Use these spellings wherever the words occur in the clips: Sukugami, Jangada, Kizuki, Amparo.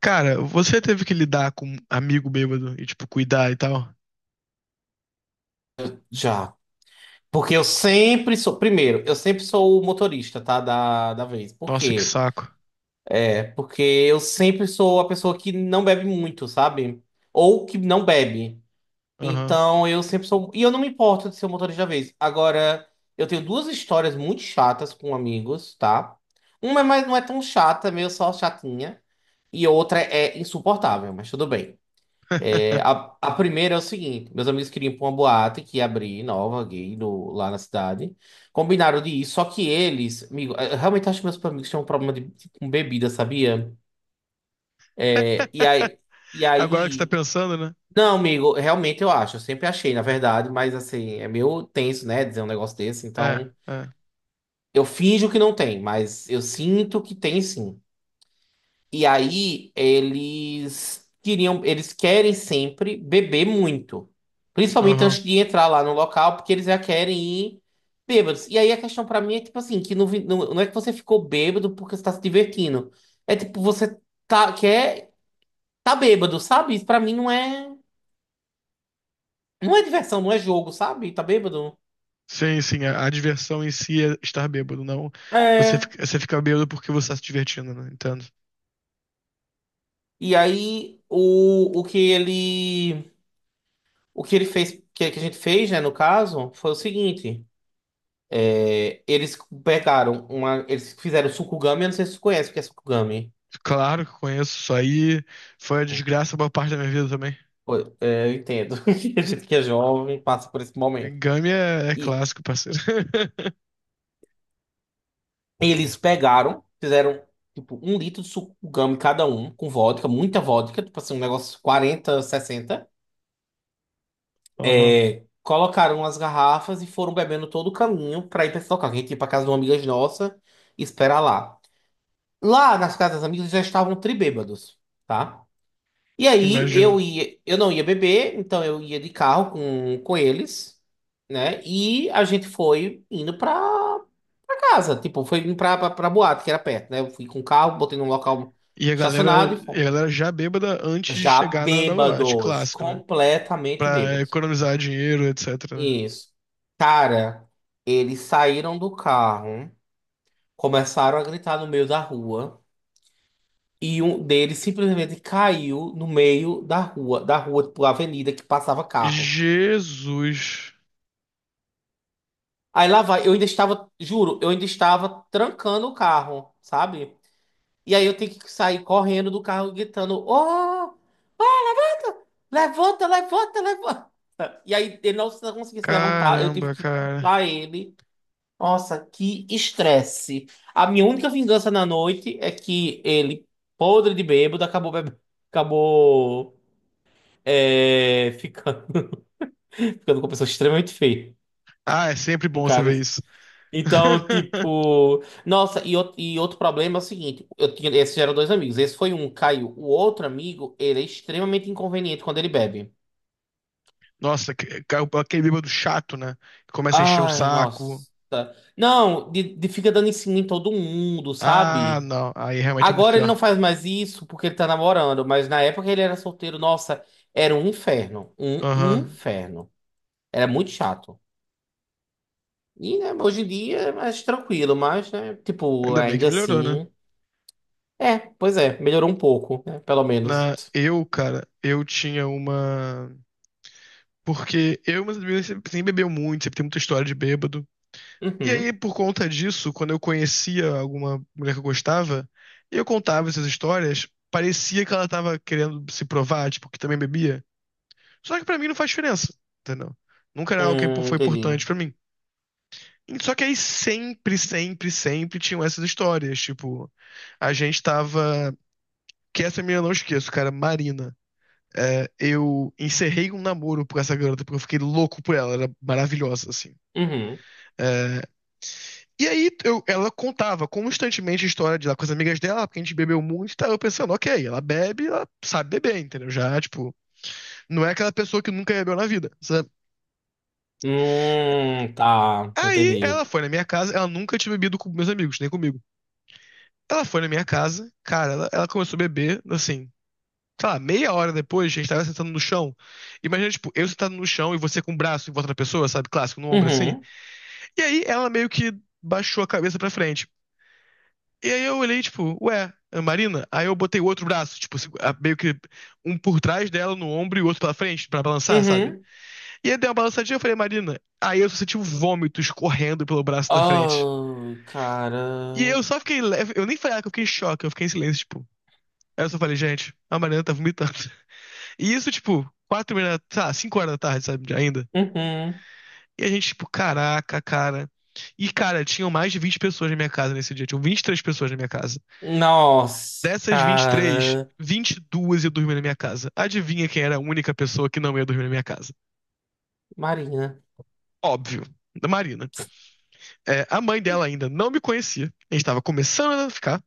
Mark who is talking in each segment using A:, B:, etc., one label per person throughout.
A: Cara, você teve que lidar com um amigo bêbado e, tipo, cuidar e tal?
B: Já. Porque eu sempre sou. Primeiro, eu sempre sou o motorista, tá? Da vez. Por
A: Nossa, que
B: quê?
A: saco.
B: É porque eu sempre sou a pessoa que não bebe muito, sabe? Ou que não bebe.
A: Aham.
B: Então eu sempre sou. E eu não me importo de ser o motorista da vez. Agora, eu tenho duas histórias muito chatas com amigos, tá? Uma é mais, não é tão chata, é meio só chatinha. E a outra é insuportável, mas tudo bem. A primeira é o seguinte: meus amigos queriam ir pra uma boate que ia abrir nova, gay, lá na cidade. Combinaram de ir, só que eles, amigo, eu realmente acho que meus amigos tinham um problema com bebida, sabia? É, e aí, e
A: Agora que você tá
B: aí.
A: pensando, né?
B: Não, amigo, realmente eu acho. Eu sempre achei, na verdade, mas assim, é meio tenso, né? Dizer um negócio desse.
A: É,
B: Então,
A: é.
B: eu finjo que não tem, mas eu sinto que tem sim. E aí eles querem sempre beber muito. Principalmente
A: Aham.
B: antes de entrar lá no local, porque eles já querem ir bêbados. E aí a questão pra mim é tipo assim, que não, vi- não, não é que você ficou bêbado porque você tá se divertindo. É tipo, você tá, quer, tá bêbado, sabe? Isso pra mim não é, não é diversão, não é jogo, sabe? Tá bêbado.
A: Sim, sim. A diversão em si é estar bêbado, não. Você
B: É.
A: fica, você fica bêbado porque você tá se divertindo, né? Entendo.
B: E aí o que ele fez, que a gente fez, né, no caso, foi o seguinte. É, eles pegaram uma. Eles fizeram Sukugami, eu não sei se você conhece o que é Sukugami.
A: Claro que conheço isso aí. Foi a desgraça boa parte da minha vida também.
B: Foi, é, eu entendo. A gente que é jovem passa por esse momento.
A: Game é
B: E
A: clássico, parceiro.
B: eles pegaram, fizeram tipo um litro de Sukugami cada um, com vodka, muita vodka, tipo assim, um negócio 40, 60.
A: Aham.
B: É, colocaram as garrafas e foram bebendo todo o caminho pra ir pra esse local. Que a gente ia pra casa de uma amiga nossa e esperar lá. Lá nas casas das amigas já estavam tribêbados, tá? E aí
A: Imagino.
B: eu não ia beber, então eu ia de carro com eles, né? E a gente foi indo pra casa, tipo, foi indo pra boate, que era perto, né? Eu fui com o carro, botei num local
A: E a galera,
B: estacionado e
A: e a
B: fomos.
A: galera já bêbada antes de
B: Já
A: chegar na boate,
B: bêbados,
A: clássico, né?
B: completamente
A: Pra
B: bêbados.
A: economizar dinheiro, etc.
B: Isso. Cara, eles saíram do carro, começaram a gritar no meio da rua. E um deles simplesmente caiu no meio da rua, tipo, avenida que passava carro.
A: Jesus.
B: Aí lá vai, eu ainda estava, juro, eu ainda estava trancando o carro, sabe? E aí eu tenho que sair correndo do carro gritando: Oh, levanta, levanta, levanta. E aí ele não conseguia se levantar, eu tive
A: Caramba,
B: que
A: cara.
B: puxar ele. Nossa, que estresse. A minha única vingança na noite é que ele, podre de bêbado, acabou bebendo, acabou ficando, ficando com uma pessoa extremamente feia.
A: Ah, é sempre bom
B: Um
A: você
B: cara.
A: ver isso.
B: Então, tipo, nossa, e outro problema é o seguinte, eu tinha, esses eram dois amigos, esse foi um, caiu. O outro amigo, ele é extremamente inconveniente quando ele bebe.
A: Nossa, aquele bêbado chato, né? Que começa a encher o
B: Ai,
A: saco.
B: nossa. Não, de fica dando em cima em todo mundo,
A: Ah,
B: sabe?
A: não. Aí realmente é muito
B: Agora ele não
A: pior.
B: faz mais isso porque ele tá namorando, mas na época que ele era solteiro, nossa, era um inferno, um
A: Aham.
B: inferno. Era muito chato. E, né, hoje em dia é mais tranquilo, mas, né, tipo,
A: Ainda bem que
B: ainda
A: melhorou, né?
B: assim. É, pois é, melhorou um pouco, né? Pelo menos.
A: Eu, cara, eu tinha uma. Porque eu, mas sempre bebeu muito, sempre tem muita história de bêbado. E aí,
B: Uhum.
A: por conta disso, quando eu conhecia alguma mulher que eu gostava, e eu contava essas histórias, parecia que ela tava querendo se provar, tipo, que também bebia. Só que pra mim não faz diferença, entendeu? Nunca era algo que foi
B: Entendi.
A: importante pra mim. Só que aí sempre, sempre, sempre tinham essas histórias, tipo, a gente tava, que essa menina eu não esqueço, cara, Marina. É, eu encerrei um namoro com essa garota porque eu fiquei louco por ela, ela era maravilhosa, assim.
B: Uhum.
A: É, Ela contava constantemente a história de lá com as amigas dela, porque a gente bebeu muito, e tá eu pensando, ok, ela bebe, ela sabe beber, entendeu? Já, tipo, não é aquela pessoa que nunca bebeu na vida, sabe?
B: Tá,
A: Aí ela
B: entendi.
A: foi na minha casa, ela nunca tinha bebido com meus amigos, nem comigo. Ela foi na minha casa, cara, ela começou a beber, assim, sei lá, meia hora depois, a gente tava sentando no chão. Imagina, tipo, eu sentado no chão e você com o braço em volta da pessoa, sabe? Clássico, no ombro assim.
B: Uhum.
A: E aí ela meio que baixou a cabeça pra frente. E aí eu olhei, tipo, ué, Ana Marina? Aí eu botei o outro braço, tipo, meio que um por trás dela no ombro e o outro pela frente pra balançar, sabe?
B: Uhum.
A: E aí deu uma balançadinha, eu falei, Marina. Aí eu só senti um vômito escorrendo pelo braço da frente.
B: Oh,
A: E
B: cara.
A: eu só fiquei leve, eu nem falei ah, que eu fiquei em choque, eu fiquei em silêncio, tipo. Aí eu só falei, gente, a Marina tá vomitando. E isso, tipo, 4 horas, tá, 5 horas da tarde, sabe, ainda.
B: Uhum.
A: E a gente, tipo, caraca, cara. E, cara, tinham mais de 20 pessoas na minha casa nesse dia, tinham 23 pessoas na minha casa.
B: Nossa,
A: Dessas vinte e três,
B: cara.
A: 22 ia dormir na minha casa. Adivinha quem era a única pessoa que não ia dormir na minha casa?
B: Marina.
A: Óbvio, da Marina. É, a mãe dela ainda não me conhecia. A gente tava começando a ficar.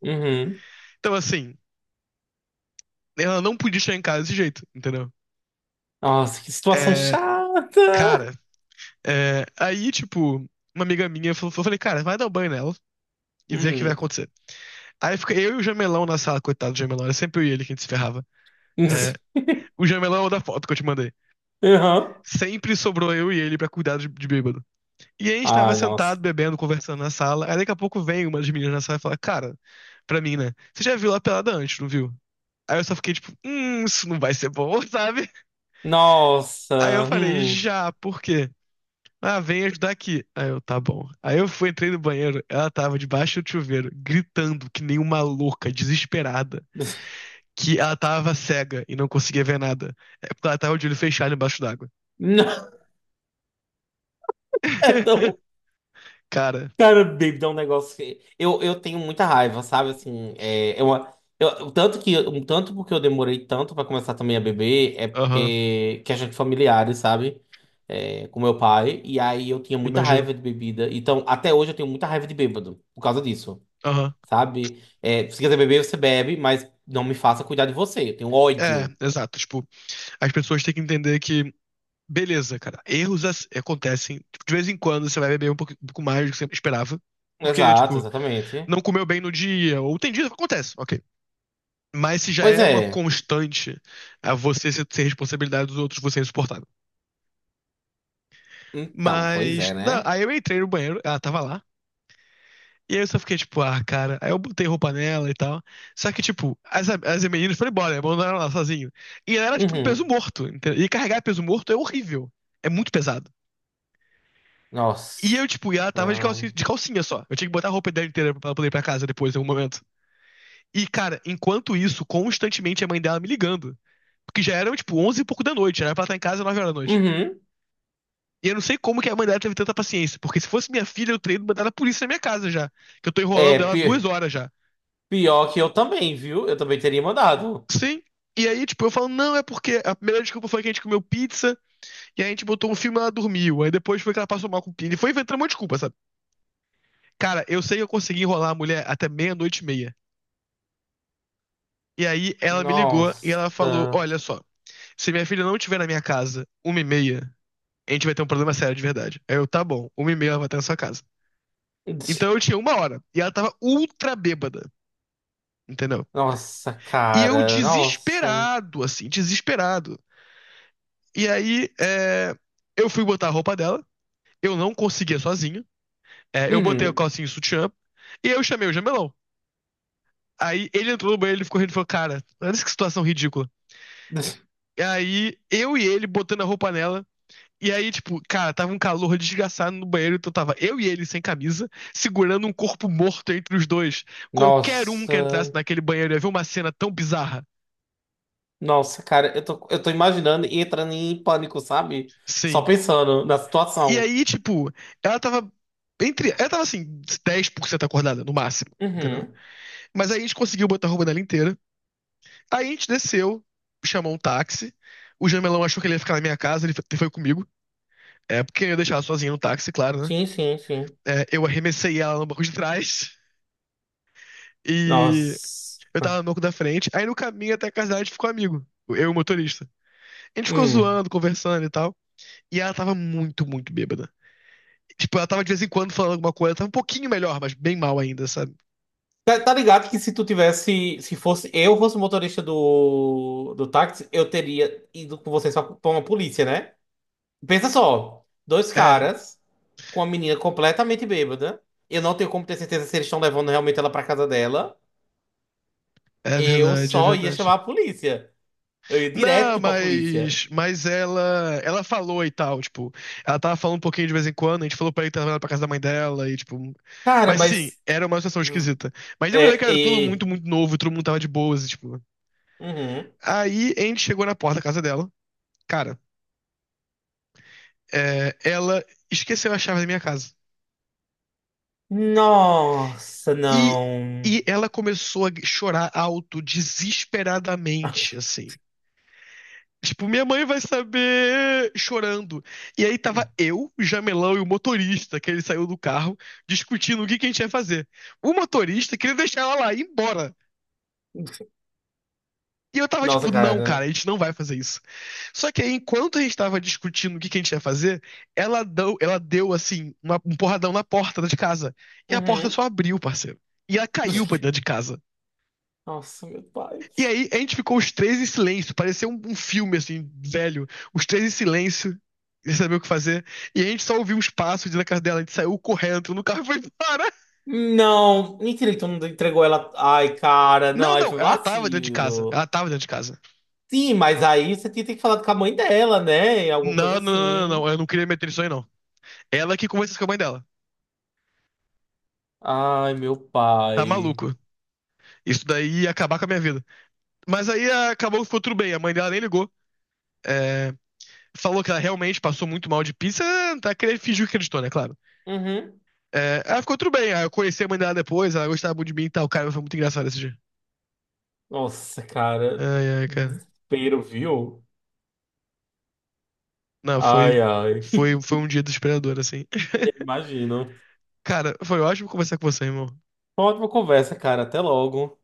B: Uhum.
A: Então, assim, ela não podia chegar em casa desse jeito, entendeu?
B: Nossa, que situação
A: É,
B: chata.
A: cara, aí, tipo, uma amiga minha falou, eu falei, cara, vai dar um banho nela e ver o que vai
B: Hum.
A: acontecer. Aí fica eu e o Jamelão na sala, coitado do Jamelão, era sempre eu e ele que a gente se ferrava. É, o Jamelão é o da foto que eu te mandei.
B: Uhum.
A: Sempre sobrou eu e ele pra cuidar de bêbado. E aí a gente tava
B: Ai, nossa.
A: sentado, bebendo, conversando na sala. Aí daqui a pouco vem uma das meninas na sala e fala, cara, pra mim, né? Você já viu lá pelada antes, não viu? Aí eu só fiquei tipo, isso não vai ser bom, sabe? Aí eu
B: Nossa.
A: falei,
B: Hum.
A: já, por quê? Ah, vem ajudar aqui. Aí eu, tá bom. Aí eu fui, entrei no banheiro, ela tava debaixo do chuveiro, gritando que nem uma louca, desesperada, que ela tava cega e não conseguia ver nada. É porque ela tava de olho fechado embaixo d'água.
B: Não,
A: Cara,
B: Cara, David, é um negócio que eu tenho muita raiva, sabe? Assim, o tanto que um tanto porque eu demorei tanto pra começar também a beber é
A: aham,
B: porque questão de familiares, sabe? Com meu pai, e aí eu tinha muita
A: imagino.
B: raiva de bebida. Então, até hoje eu tenho muita raiva de bêbado por causa disso,
A: Aham.
B: sabe? Se quiser beber, você bebe, mas não me faça cuidar de você. Eu tenho
A: É,
B: ódio.
A: exato, tipo, as pessoas têm que entender que, beleza, cara, erros acontecem. Tipo, de vez em quando você vai beber um pouco mais do que você esperava. Porque,
B: Exato,
A: tipo,
B: exatamente.
A: não comeu bem no dia, ou tem dias que acontece, ok. Mas se já
B: Pois
A: é uma
B: é.
A: constante a você ser responsabilidade dos outros, você é insuportável.
B: Então, pois
A: Mas,
B: é,
A: não,
B: né?
A: aí eu entrei no banheiro, ela tava lá. E aí eu só fiquei, tipo, ah, cara. Aí eu botei roupa nela e tal. Só que, tipo, as meninas foram embora, abandonaram ela sozinho. E ela era, tipo, um peso
B: Uhum.
A: morto, entendeu? E carregar peso morto é horrível. É muito pesado. E
B: Nossa.
A: eu, tipo, e ela tava
B: Então,
A: de calcinha só. Eu tinha que botar a roupa dela inteira pra ela poder ir pra casa depois, em algum momento. E, cara, enquanto isso, constantemente a mãe dela me ligando. Porque já eram, tipo, 11 e pouco da noite. Já era pra ela estar em casa às 9 horas da noite.
B: uhum.
A: E eu não sei como que a mãe dela teve tanta paciência. Porque se fosse minha filha, eu teria mandado a polícia na minha casa já. Que eu tô
B: É,
A: enrolando ela duas
B: pi-
A: horas já.
B: Pior que eu também, viu? Eu também teria mandado.
A: Sim. E aí, tipo, eu falo, não, é porque a primeira desculpa foi que a gente comeu pizza, e aí a gente botou um filme e ela dormiu. Aí depois foi que ela passou mal com pizza. E foi inventando uma desculpa, sabe? Cara, eu sei que eu consegui enrolar a mulher até meia-noite e meia. E aí ela me ligou e ela falou:
B: Nossa.
A: Olha só, se minha filha não estiver na minha casa uma e meia, a gente vai ter um problema sério de verdade. Aí eu, tá bom, uma e meia ela vai estar na sua casa. Então eu tinha 1 hora e ela tava ultra bêbada, entendeu?
B: Nossa,
A: E eu
B: cara. Nossa.
A: desesperado, assim, desesperado. E aí eu fui botar a roupa dela, eu não conseguia sozinho. É, eu botei o
B: Uhum.
A: calcinho e o sutiã e eu chamei o Jamelão. Aí ele entrou no banheiro, ele ficou rindo e falou: Cara, olha que situação ridícula. E aí eu e ele botando a roupa nela. E aí, tipo, cara, tava um calor desgraçado no banheiro, então tava eu e ele sem camisa, segurando um corpo morto entre os dois. Qualquer um que entrasse
B: Nossa.
A: naquele banheiro ia ver uma cena tão bizarra.
B: Nossa, cara. Eu tô imaginando e entrando em pânico, sabe? Só
A: Sim.
B: pensando na
A: E
B: situação.
A: aí, tipo, ela tava entre. Ela tava assim, 10% acordada, no máximo, entendeu?
B: Uhum.
A: Mas aí a gente conseguiu botar a roupa dela inteira. Aí a gente desceu, chamou um táxi. O Jamelão achou que ele ia ficar na minha casa, ele foi comigo. É, porque eu ia deixar ela sozinha no táxi, claro, né?
B: Sim, sim, sim.
A: É, eu arremessei ela no banco de trás. E
B: Nossa.
A: eu tava no banco da frente. Aí no caminho até a casa dela a gente ficou amigo. Eu e o motorista. A gente ficou
B: Hum.
A: zoando, conversando e tal. E ela tava muito, muito bêbada. Tipo, ela tava de vez em quando falando alguma coisa. Tava um pouquinho melhor, mas bem mal ainda, sabe?
B: Tá, tá ligado que se tu tivesse, se fosse eu fosse o motorista do táxi, eu teria ido com você só pra uma polícia, né? Pensa só, dois
A: É,
B: caras com uma menina completamente bêbada. Eu não tenho como ter certeza se eles estão levando realmente ela pra casa dela.
A: é
B: Eu
A: verdade, é
B: só ia chamar
A: verdade.
B: a polícia. Eu ia
A: Não,
B: direto pra polícia.
A: mas ela, falou e tal, tipo, ela tava falando um pouquinho de vez em quando, a gente falou pra ele trazer ela que tava pra casa da mãe dela e tipo,
B: Cara,
A: mas sim,
B: mas.
A: era uma situação esquisita. Mas deu
B: É,
A: pra ver que era tudo muito,
B: é.
A: muito novo, e todo mundo tava de boas, e, tipo.
B: Uhum.
A: Aí a gente chegou na porta da casa dela. Cara, ela esqueceu a chave da minha casa.
B: Nossa,
A: E,
B: não.
A: e ela começou a chorar alto, desesperadamente, assim. Tipo, minha mãe vai saber chorando. E aí tava eu, o Jamelão e o motorista, que ele saiu do carro, discutindo o que a gente ia fazer. O motorista queria deixar ela lá, ir embora. E eu tava
B: Nossa,
A: tipo, não, cara, a
B: cara.
A: gente não vai fazer isso. Só que aí, enquanto a gente tava discutindo o que que a gente ia fazer, ela deu assim, um porradão na porta de casa. E a porta
B: Uhum.
A: só abriu, parceiro. E ela caiu pra dentro de casa.
B: Nossa, meu pai.
A: E aí, a gente ficou os três em silêncio. Parecia um filme, assim, velho. Os três em silêncio, sem saber o que fazer. E a gente só ouviu uns passos na casa dela. A gente saiu correndo, entrou no carro e foi embora.
B: Não, mentira que tu não entregou ela. Ai, cara,
A: Não,
B: não, aí
A: não,
B: foi
A: ela tava dentro de casa.
B: vacilo.
A: Ela tava dentro de casa.
B: Sim, mas aí você tinha que falar com a mãe dela, né? Alguma
A: Não,
B: coisa
A: não, não, não,
B: assim.
A: não. Eu não queria meter isso aí, não. Ela que conversou com a mãe dela.
B: Ai, meu
A: Tá
B: pai.
A: maluco. Isso daí ia acabar com a minha vida. Mas aí acabou que ficou tudo bem. A mãe dela nem ligou. É, falou que ela realmente passou muito mal de pizza. Tá, fingiu que acreditou, né? Claro.
B: Uhum.
A: É, ela ficou tudo bem. Eu conheci a mãe dela depois. Ela gostava muito de mim e tal. Cara, foi muito engraçado esse dia.
B: Nossa, cara.
A: Ai, ai, cara.
B: Desespero, viu?
A: Não, foi,
B: Ai, ai.
A: um dia desesperador, assim.
B: Imagino.
A: Cara, foi ótimo conversar com você, irmão.
B: Foi uma ótima conversa, cara. Até logo.